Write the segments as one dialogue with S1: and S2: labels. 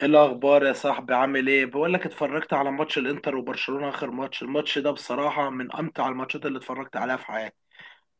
S1: ايه الاخبار يا صاحبي؟ عامل ايه؟ بقول لك، اتفرجت على ماتش الانتر وبرشلونة، اخر ماتش. الماتش ده بصراحة من امتع الماتشات اللي اتفرجت عليها في حياتي.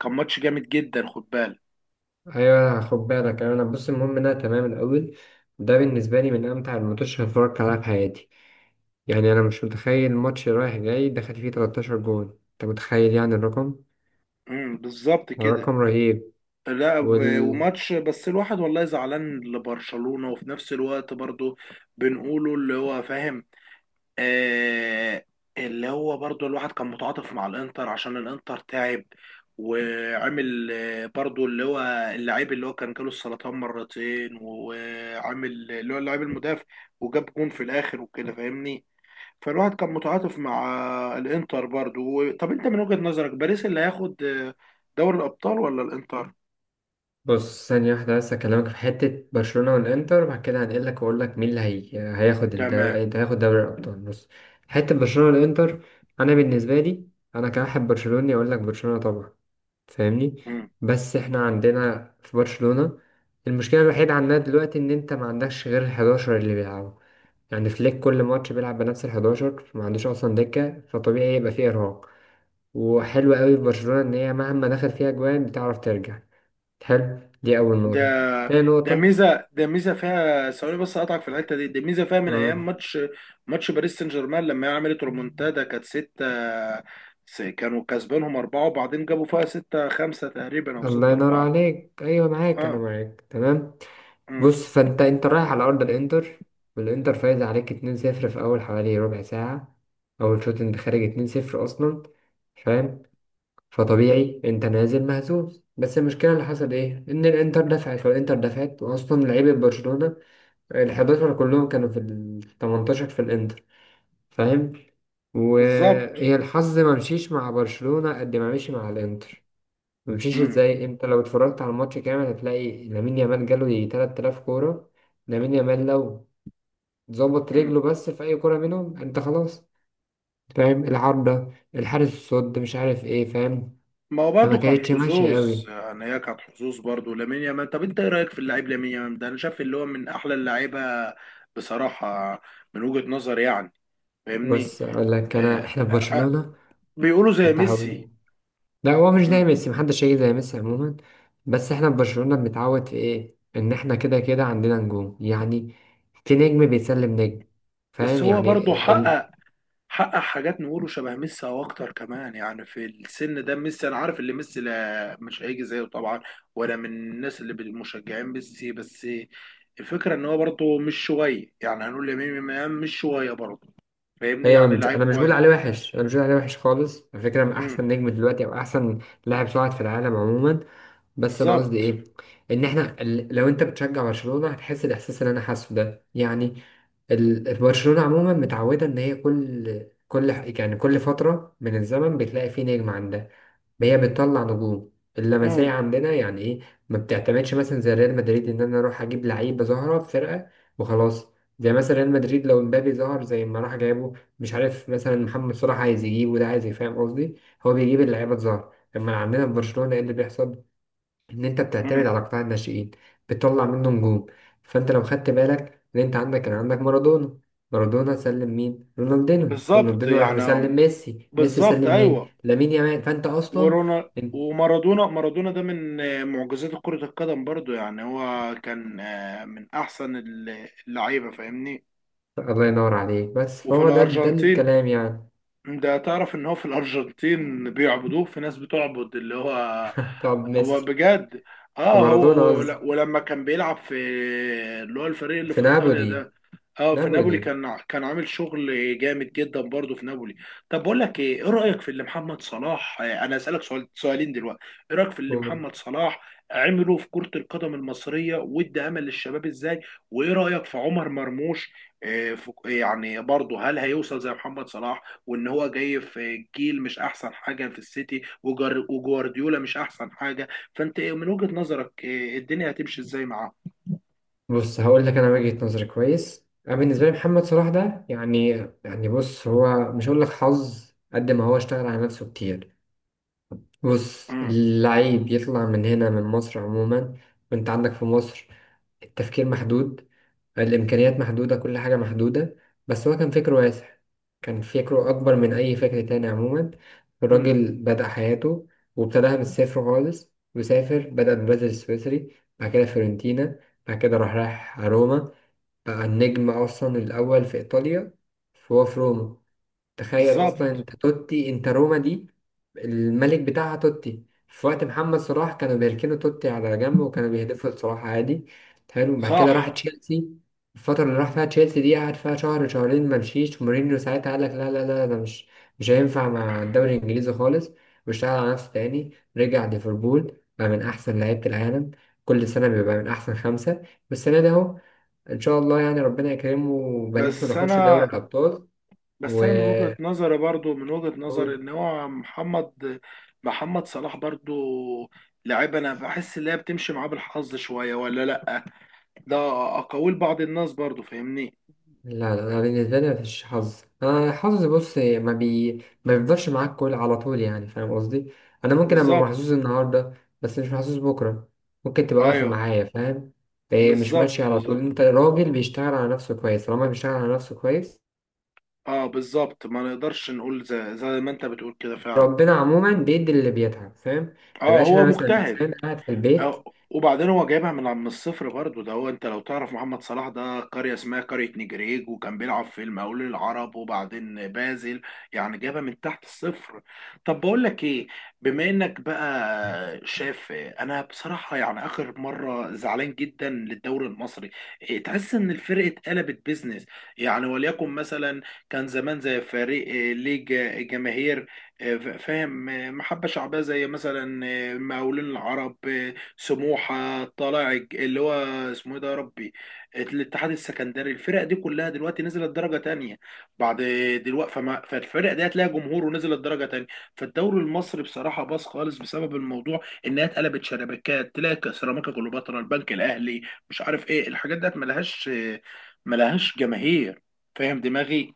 S1: كان ماتش جامد جدا، خد بالك.
S2: ايوه خد بالك. انا بص، المهم ان انا تمام الاول. ده بالنسبه لي من امتع الماتشات اللي اتفرجت عليها في حياتي. يعني انا مش متخيل ماتش رايح جاي دخل فيه 13 جون، انت متخيل يعني الرقم؟
S1: بالظبط كده.
S2: رقم رهيب.
S1: لا،
S2: وال
S1: وماتش بس، الواحد والله زعلان لبرشلونة، وفي نفس الوقت برضه بنقوله اللي هو فاهم. آه. اللي هو برضو الواحد كان متعاطف مع الانتر، عشان الانتر تعب وعمل، برضو اللي هو اللعيب اللي هو كان جاله السرطان مرتين، وعامل اللي هو اللاعب المدافع وجاب جون في الاخر وكده، فاهمني؟ فالواحد كان متعاطف مع الانتر برضو. طب انت من وجهة نظرك باريس اللي هياخد دوري الابطال، ولا الانتر؟
S2: بص، ثانيه واحده بس، اكلمك في حته برشلونه والانتر، وبعد كده هنقلك واقول لك مين اللي هي... هياخد
S1: تمام.
S2: الدوري، هياخد دوري الابطال. بص حته برشلونه والانتر، انا بالنسبه لي انا كواحد برشلوني اقول لك برشلونه طبعا، فاهمني.
S1: مم.
S2: بس احنا عندنا في برشلونة المشكلة الوحيدة عندنا دلوقتي ان انت ما عندكش غير ال11 اللي بيلعبوا، يعني فليك كل ماتش بيلعب بنفس ال11، ما عندوش اصلا دكة، فطبيعي يبقى فيه ارهاق. وحلو قوي في برشلونة ان هي مهما دخل فيها جوان بتعرف ترجع، حلو. دي اول
S1: ده
S2: نقطة. تاني
S1: ده
S2: نقطة
S1: ميزه، ده ميزه فيها، ثواني بس اقطعك في الحته دي، ده ميزه فيها من
S2: آه.
S1: ايام ماتش باريس سان جيرمان، لما هي عملت رومونتادا، كانت ستة، كانوا كسبانهم أربعة، وبعدين جابوا فيها ستة خمسة تقريبا، أو
S2: الله
S1: ستة
S2: ينور
S1: أربعة.
S2: عليك، ايوه معاك، انا
S1: اه.
S2: معاك تمام.
S1: مم.
S2: بص، فانت انت رايح على ارض الانتر، والانتر فايز عليك 2-0 في اول حوالي ربع ساعه، اول شوط انت خارج 2-0 اصلا، فاهم؟ فطبيعي انت نازل مهزوز، بس المشكله اللي حصل ايه، ان الانتر دفعت والانتر دفعت، واصلا لعيبه برشلونه ال 11 كلهم كانوا في ال 18 في الانتر، فاهم؟
S1: بالظبط.
S2: وهي الحظ ما مشيش مع برشلونه قد ما مشي مع الانتر. ممشيش
S1: مم.
S2: ازاي؟ انت لو اتفرجت على الماتش كامل هتلاقي لامين يامال جاله يجي 3000 كورة. لامين يامال لو ظبط
S1: مم.
S2: رجله بس في اي كورة منهم، انت خلاص، فاهم؟ العارضة، الحارس، الصد، مش عارف ايه، فاهم؟
S1: ما هو
S2: فما
S1: برضه كان
S2: كانتش ماشية
S1: حظوظ،
S2: قوي.
S1: يعني هي كانت حظوظ برضه لامين يامال. طب انت ايه رايك في اللاعب لامين يامال ده؟ انا شايف اللي هو من احلى اللعيبه بصراحه، من وجهه نظري يعني، فاهمني؟
S2: بص اقول لك، انا
S1: آه
S2: احنا في
S1: آه، آه،
S2: برشلونة
S1: بيقولوا زي ميسي.
S2: متعود. لا هو مش زي
S1: مم.
S2: ميسي، محدش هيجي زي ميسي عموما. بس احنا في برشلونة بنتعود في ايه، ان احنا كده كده عندنا نجوم يعني، في نجم بيسلم نجم،
S1: بس
S2: فاهم
S1: هو
S2: يعني؟
S1: برضه حقق حاجات نقوله شبه ميسي او اكتر كمان، يعني في السن ده ميسي. انا عارف ان ميسي، لا، مش هيجي زيه طبعا، ولا من الناس اللي مشجعين ميسي، بس الفكره ان هو برضه مش شويه. يعني هنقول لامين يامال مش شويه برضه، فاهمني؟
S2: ايوه، انا
S1: يعني
S2: مش
S1: لعيب
S2: انا مش بقول
S1: كويس.
S2: عليه وحش، انا مش بقول عليه وحش خالص. على فكره، من
S1: مم.
S2: احسن نجم دلوقتي، او احسن لاعب صاعد في العالم عموما. بس انا قصدي
S1: بالظبط.
S2: ايه، ان احنا لو انت بتشجع برشلونه هتحس الاحساس اللي انا حاسه ده يعني. برشلونه عموما متعوده ان هي كل يعني كل فتره من الزمن بتلاقي فيه نجم عندها، هي بتطلع نجوم،
S1: مم.
S2: اللمسيه عندنا يعني ايه. ما بتعتمدش مثلا زي ريال مدريد ان انا اروح اجيب لعيبه ظاهره في فرقه وخلاص. زي مثلا ريال مدريد لو امبابي ظهر زي ما راح جايبه، مش عارف مثلا محمد صلاح عايز يجيبه، ده عايز يفهم قصدي، هو بيجيب اللعيبه الظاهره. لما عندنا في برشلونه ايه اللي بيحصل؟ ان انت بتعتمد
S1: مم.
S2: على قطاع الناشئين، بتطلع منه نجوم. فانت لو خدت بالك ان انت عندك كان عندك مارادونا، مارادونا سلم مين؟ رونالدينو.
S1: بالظبط
S2: رونالدينو راح
S1: يعني.
S2: مسلم ميسي، ميسي
S1: بالظبط
S2: سلم مين؟
S1: ايوه.
S2: لامين يامال. فانت اصلا
S1: ورونا
S2: انت،
S1: ومارادونا. مارادونا ده من معجزات كرة القدم برضو، يعني هو كان من أحسن اللعيبة، فاهمني؟
S2: الله ينور عليك، بس
S1: وفي
S2: فهو ده ده
S1: الأرجنتين،
S2: الكلام يعني.
S1: ده تعرف إن هو في الأرجنتين بيعبدوه؟ في ناس بتعبد اللي هو
S2: طب
S1: هو
S2: ميسي
S1: بجد. اه،
S2: ومارادونا
S1: هو
S2: قصدي
S1: ولما كان بيلعب في اللي هو الفريق اللي
S2: في
S1: في إيطاليا ده،
S2: نابولي.
S1: اه في نابولي،
S2: نابولي
S1: كان كان عامل شغل جامد جدا برضه في نابولي. طب بقول لك ايه رايك في اللي محمد صلاح؟ انا اسالك سؤال سؤالين دلوقتي، ايه رايك في اللي
S2: قول.
S1: محمد صلاح عمله في كره القدم المصريه، وادى امل للشباب ازاي؟ وايه رايك في عمر مرموش؟ يعني برضه هل هيوصل زي محمد صلاح؟ وان هو جاي في جيل، مش احسن حاجه في السيتي، وجوارديولا مش احسن حاجه. فانت إيه من وجهه نظرك الدنيا هتمشي ازاي معاه؟
S2: بص هقول لك انا وجهة نظري كويس، انا بالنسبه لي محمد صلاح ده يعني، يعني بص هو مش هقول لك حظ قد ما هو اشتغل على نفسه كتير. بص
S1: امم
S2: اللعيب يطلع من هنا من مصر عموما، وانت عندك في مصر التفكير محدود، الإمكانيات محدودة، كل حاجة محدودة، بس هو كان فكره واسع، كان فكره أكبر من أي فكر تاني عموما.
S1: امم،
S2: الراجل بدأ حياته وابتداها من الصفر خالص، وسافر بدأ بالبازل السويسري، بعد كده فيورنتينا، بعد كده راح رايح روما، بقى النجم أصلا الأول في إيطاليا. فهو في روما، تخيل اصلا
S1: بالظبط.
S2: انت توتي، انت روما دي الملك بتاعها توتي، في وقت محمد صلاح كانوا بيركنوا توتي على جنب، وكانوا بيهدفوا لصلاح عادي. حلو، بعد كده راح
S1: صح.
S2: تشيلسي. الفترة اللي راح فيها تشيلسي دي قعد فيها شهر شهرين ما مشيش، ومورينيو ساعتها قال لك لا ده مش هينفع مع الدوري الانجليزي خالص. واشتغل على نفسه تاني، رجع ليفربول، بقى من احسن لعيبة العالم، كل سنة بيبقى من احسن خمسة. والسنة دي اهو، ان شاء الله يعني ربنا يكرمه وباريس ما
S1: بس
S2: تاخدش دوري
S1: انا،
S2: الابطال.
S1: بس انا من وجهة
S2: و
S1: نظري برضو، من وجهة نظري ان هو محمد صلاح برضو لعيب، انا بحس ان هي بتمشي معاه بالحظ شوية، ولا لا؟ ده اقاويل بعض الناس برضو، فاهمني؟
S2: لا لا، أنا بالنسبة لي مفيش حظ. أنا الحظ بص ما بيفضلش معاك كل على طول يعني، فاهم قصدي؟ أنا ممكن أبقى
S1: بالظبط
S2: محظوظ النهاردة، بس مش محظوظ بكرة. ممكن تبقى واقفة
S1: ايوه.
S2: معايا، فاهم؟ إيه مش ماشي
S1: بالظبط،
S2: على طول،
S1: بالظبط.
S2: أنت راجل بيشتغل على نفسه كويس، طالما بيشتغل على نفسه كويس.
S1: اه بالظبط، ما نقدرش نقول زي ما انت بتقول كده فعلا.
S2: ربنا عموما بيدي اللي بيتعب، فاهم؟
S1: اه،
S2: مبقاش
S1: هو
S2: أنا مثلا
S1: مجتهد.
S2: إنسان قاعد في البيت.
S1: أو وبعدين هو جايبها من الصفر برضه، ده هو انت لو تعرف، محمد صلاح ده قرية اسمها قرية نجريج، وكان بيلعب في المقاولون العرب وبعدين بازل، يعني جابها من تحت الصفر. طب بقول لك ايه؟ بما انك بقى شاف، انا بصراحة يعني اخر مرة زعلان جدا للدوري المصري. إيه، تحس ان الفرق اتقلبت بيزنس، يعني، وليكن مثلا كان زمان زي فريق ليه جماهير، فاهم، محبة شعبية، زي مثلا مقاولون العرب، سموحة، طلائع اللي هو اسمه ايه ده يا ربي، الاتحاد السكندري. الفرق دي كلها دلوقتي نزلت درجة تانية. بعد، دلوقتي فما، فالفرق دي هتلاقي جمهور، ونزلت درجة تانية. فالدوري المصري بصراحة باظ خالص بسبب الموضوع انها اتقلبت شبكات. تلاقي سيراميكا كليوباترا، البنك الاهلي، مش عارف ايه، الحاجات ديت ملهاش جماهير، فاهم دماغي؟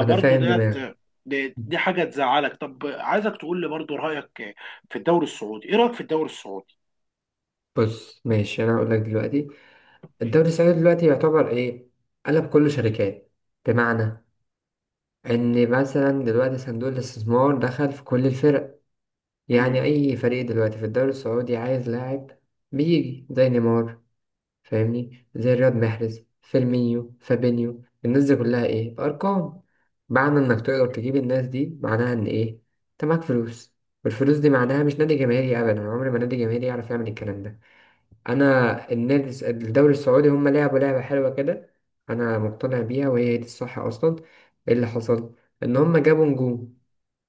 S2: أنا فاهم دماغي.
S1: ديت، دي حاجة تزعلك. طب عايزك تقول لي برضه رأيك في الدوري السعودي، ايه رأيك في الدوري السعودي؟
S2: بص ماشي، أنا هقول لك دلوقتي، الدوري السعودي دلوقتي يعتبر إيه؟ قلب كله شركات. بمعنى، ان مثلا دلوقتي صندوق الاستثمار دخل في كل الفرق، يعني
S1: امم
S2: اي فريق دلوقتي في الدوري السعودي عايز لاعب بيجي زي نيمار، فاهمني؟ زي رياض محرز، فيرمينيو، فابينيو، الناس دي كلها ايه؟ ارقام. معنى انك تقدر تجيب الناس دي معناها ان ايه، انت معاك فلوس. والفلوس دي
S1: ب-
S2: معناها مش نادي جماهيري ابدا، عمر ما نادي جماهيري يعرف يعمل الكلام ده. انا الدوري السعودي هم لعبوا لعبه حلوه كده، انا مقتنع بيها وهي دي الصح اصلا. إيه اللي حصل؟ ان هم جابوا نجوم.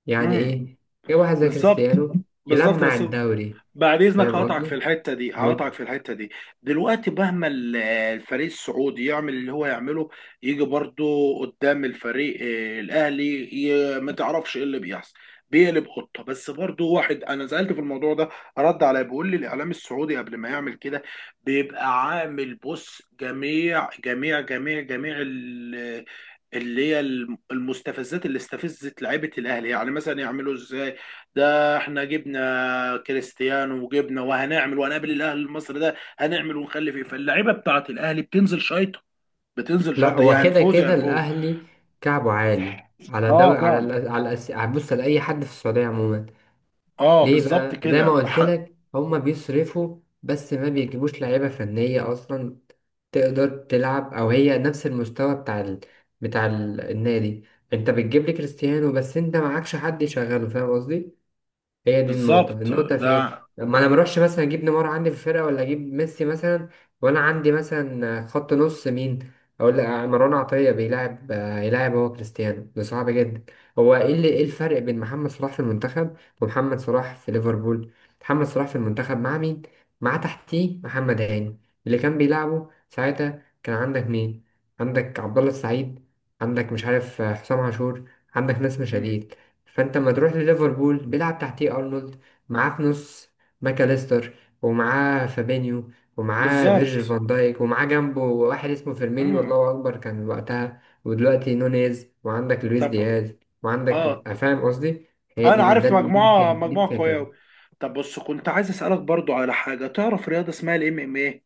S2: يعني
S1: امم
S2: ايه؟ جابوا واحد زي
S1: بالظبط.
S2: كريستيانو
S1: بالظبط
S2: يلمع
S1: بس،
S2: الدوري،
S1: بعد اذنك
S2: فاهم
S1: هقطعك في
S2: قصدي؟
S1: الحته دي،
S2: أه.
S1: هقطعك في الحته دي. دلوقتي مهما الفريق السعودي يعمل اللي هو يعمله، يجي برضو قدام الفريق الاهلي، ما تعرفش ايه اللي بيحصل، بيقلب قطه. بس برضو واحد انا سالت في الموضوع ده، رد عليا بيقول لي الاعلام السعودي قبل ما يعمل كده بيبقى عامل، بص، جميع جميع جميع جميع اللي هي المستفزات اللي استفزت لعيبه الاهلي، يعني مثلا يعملوا ازاي؟ ده احنا جبنا كريستيانو وجبنا، وهنعمل وهنقابل الاهلي المصري ده، هنعمل ونخلي فيه. فاللعيبه بتاعت الاهلي بتنزل شايطه، بتنزل
S2: لا
S1: شايطه،
S2: هو
S1: يا
S2: كده
S1: هنفوز يا
S2: كده
S1: هنفوز.
S2: الاهلي كعبه عالي على
S1: اه
S2: دوري، على
S1: فعلا.
S2: على بص لاي حد في السعوديه عموما.
S1: اه
S2: ليه
S1: بالظبط
S2: بقى؟ زي ما
S1: كده،
S2: قلت لك هما بيصرفوا، بس ما بيجيبوش لعيبة فنية أصلا تقدر تلعب أو هي نفس المستوى بتاع ال... بتاع النادي. أنت بتجيب لي كريستيانو بس أنت معكش حد يشغله، فاهم قصدي؟ هي دي النقطة.
S1: بالظبط.
S2: النقطة في
S1: ده.
S2: إيه؟ ما أنا مروحش مثلا أجيب نيمار عندي في الفرقة ولا أجيب ميسي مثلا، وأنا عندي مثلا خط نص مين؟ أقول لك مروان عطية بيلعب يلعب هو كريستيانو، ده صعب جدا. هو إيه اللي، إيه الفرق بين محمد صلاح في المنتخب ومحمد صلاح في ليفربول؟ محمد صلاح في المنتخب مع مين؟ مع تحتيه محمد هاني اللي كان بيلعبه ساعتها، كان عندك مين؟ عندك عبد الله السعيد، عندك مش عارف حسام عاشور، عندك ناس
S1: مم.
S2: مشاهير. فانت لما تروح لليفربول بيلعب تحتيه ارنولد، معاه في نص ماكاليستر، ومعاه فابينيو، ومعاه فيرجيل
S1: بالظبط.
S2: فان دايك، ومعاه جنبه واحد اسمه فيرمينيو،
S1: مم.
S2: والله اكبر كان وقتها، ودلوقتي نونيز وعندك لويس
S1: طب،
S2: دياز،
S1: اه،
S2: وعندك فاهم قصدي؟ هي
S1: انا
S2: دي،
S1: عارف
S2: دي
S1: مجموعه،
S2: الفكرة، دي
S1: قويه أوي.
S2: الفكرة.
S1: طب بص، كنت عايز اسالك برضو على حاجه، تعرف رياضه اسمها الام ام ايه؟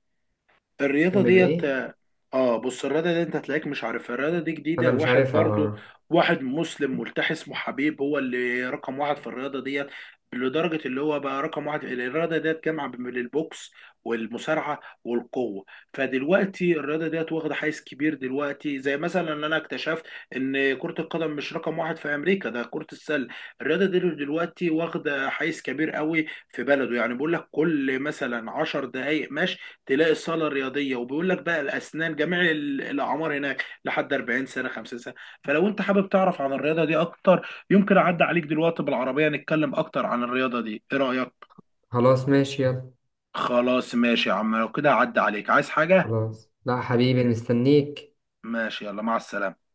S1: الرياضة
S2: ام ام ايه؟
S1: ديت. اه. بص الرياضة دي انت هتلاقيك مش عارفها، الرياضة دي
S2: انا
S1: جديدة.
S2: مش
S1: واحد
S2: عارفها
S1: برضو،
S2: اه.
S1: واحد مسلم ملتحي اسمه حبيب هو اللي رقم واحد في الرياضة ديت، لدرجة اللي هو بقى رقم واحد. الرياضة ديت جامعة بين البوكس والمصارعة والقوة. فدلوقتي الرياضة ديت واخدة حيز كبير دلوقتي، زي مثلا ان انا اكتشفت ان كرة القدم مش رقم واحد في امريكا، ده كرة السلة. الرياضة دي دلوقتي واخدة حيز كبير قوي في بلده، يعني بقول لك كل مثلا 10 دقايق مشي تلاقي الصاله الرياضيه، وبيقول لك بقى الاسنان، جميع الاعمار هناك، لحد 40 سنه، 50 سنه. فلو انت حابب تعرف عن الرياضه دي اكتر، يمكن اعدي عليك دلوقتي بالعربيه، نتكلم اكتر عن الرياضه دي، ايه رايك؟
S2: خلاص ماشي يلا.
S1: خلاص ماشي يا عم، لو كده اعدي عليك، عايز حاجه؟
S2: خلاص لا حبيبي، مستنيك.
S1: ماشي يلا، مع السلامه.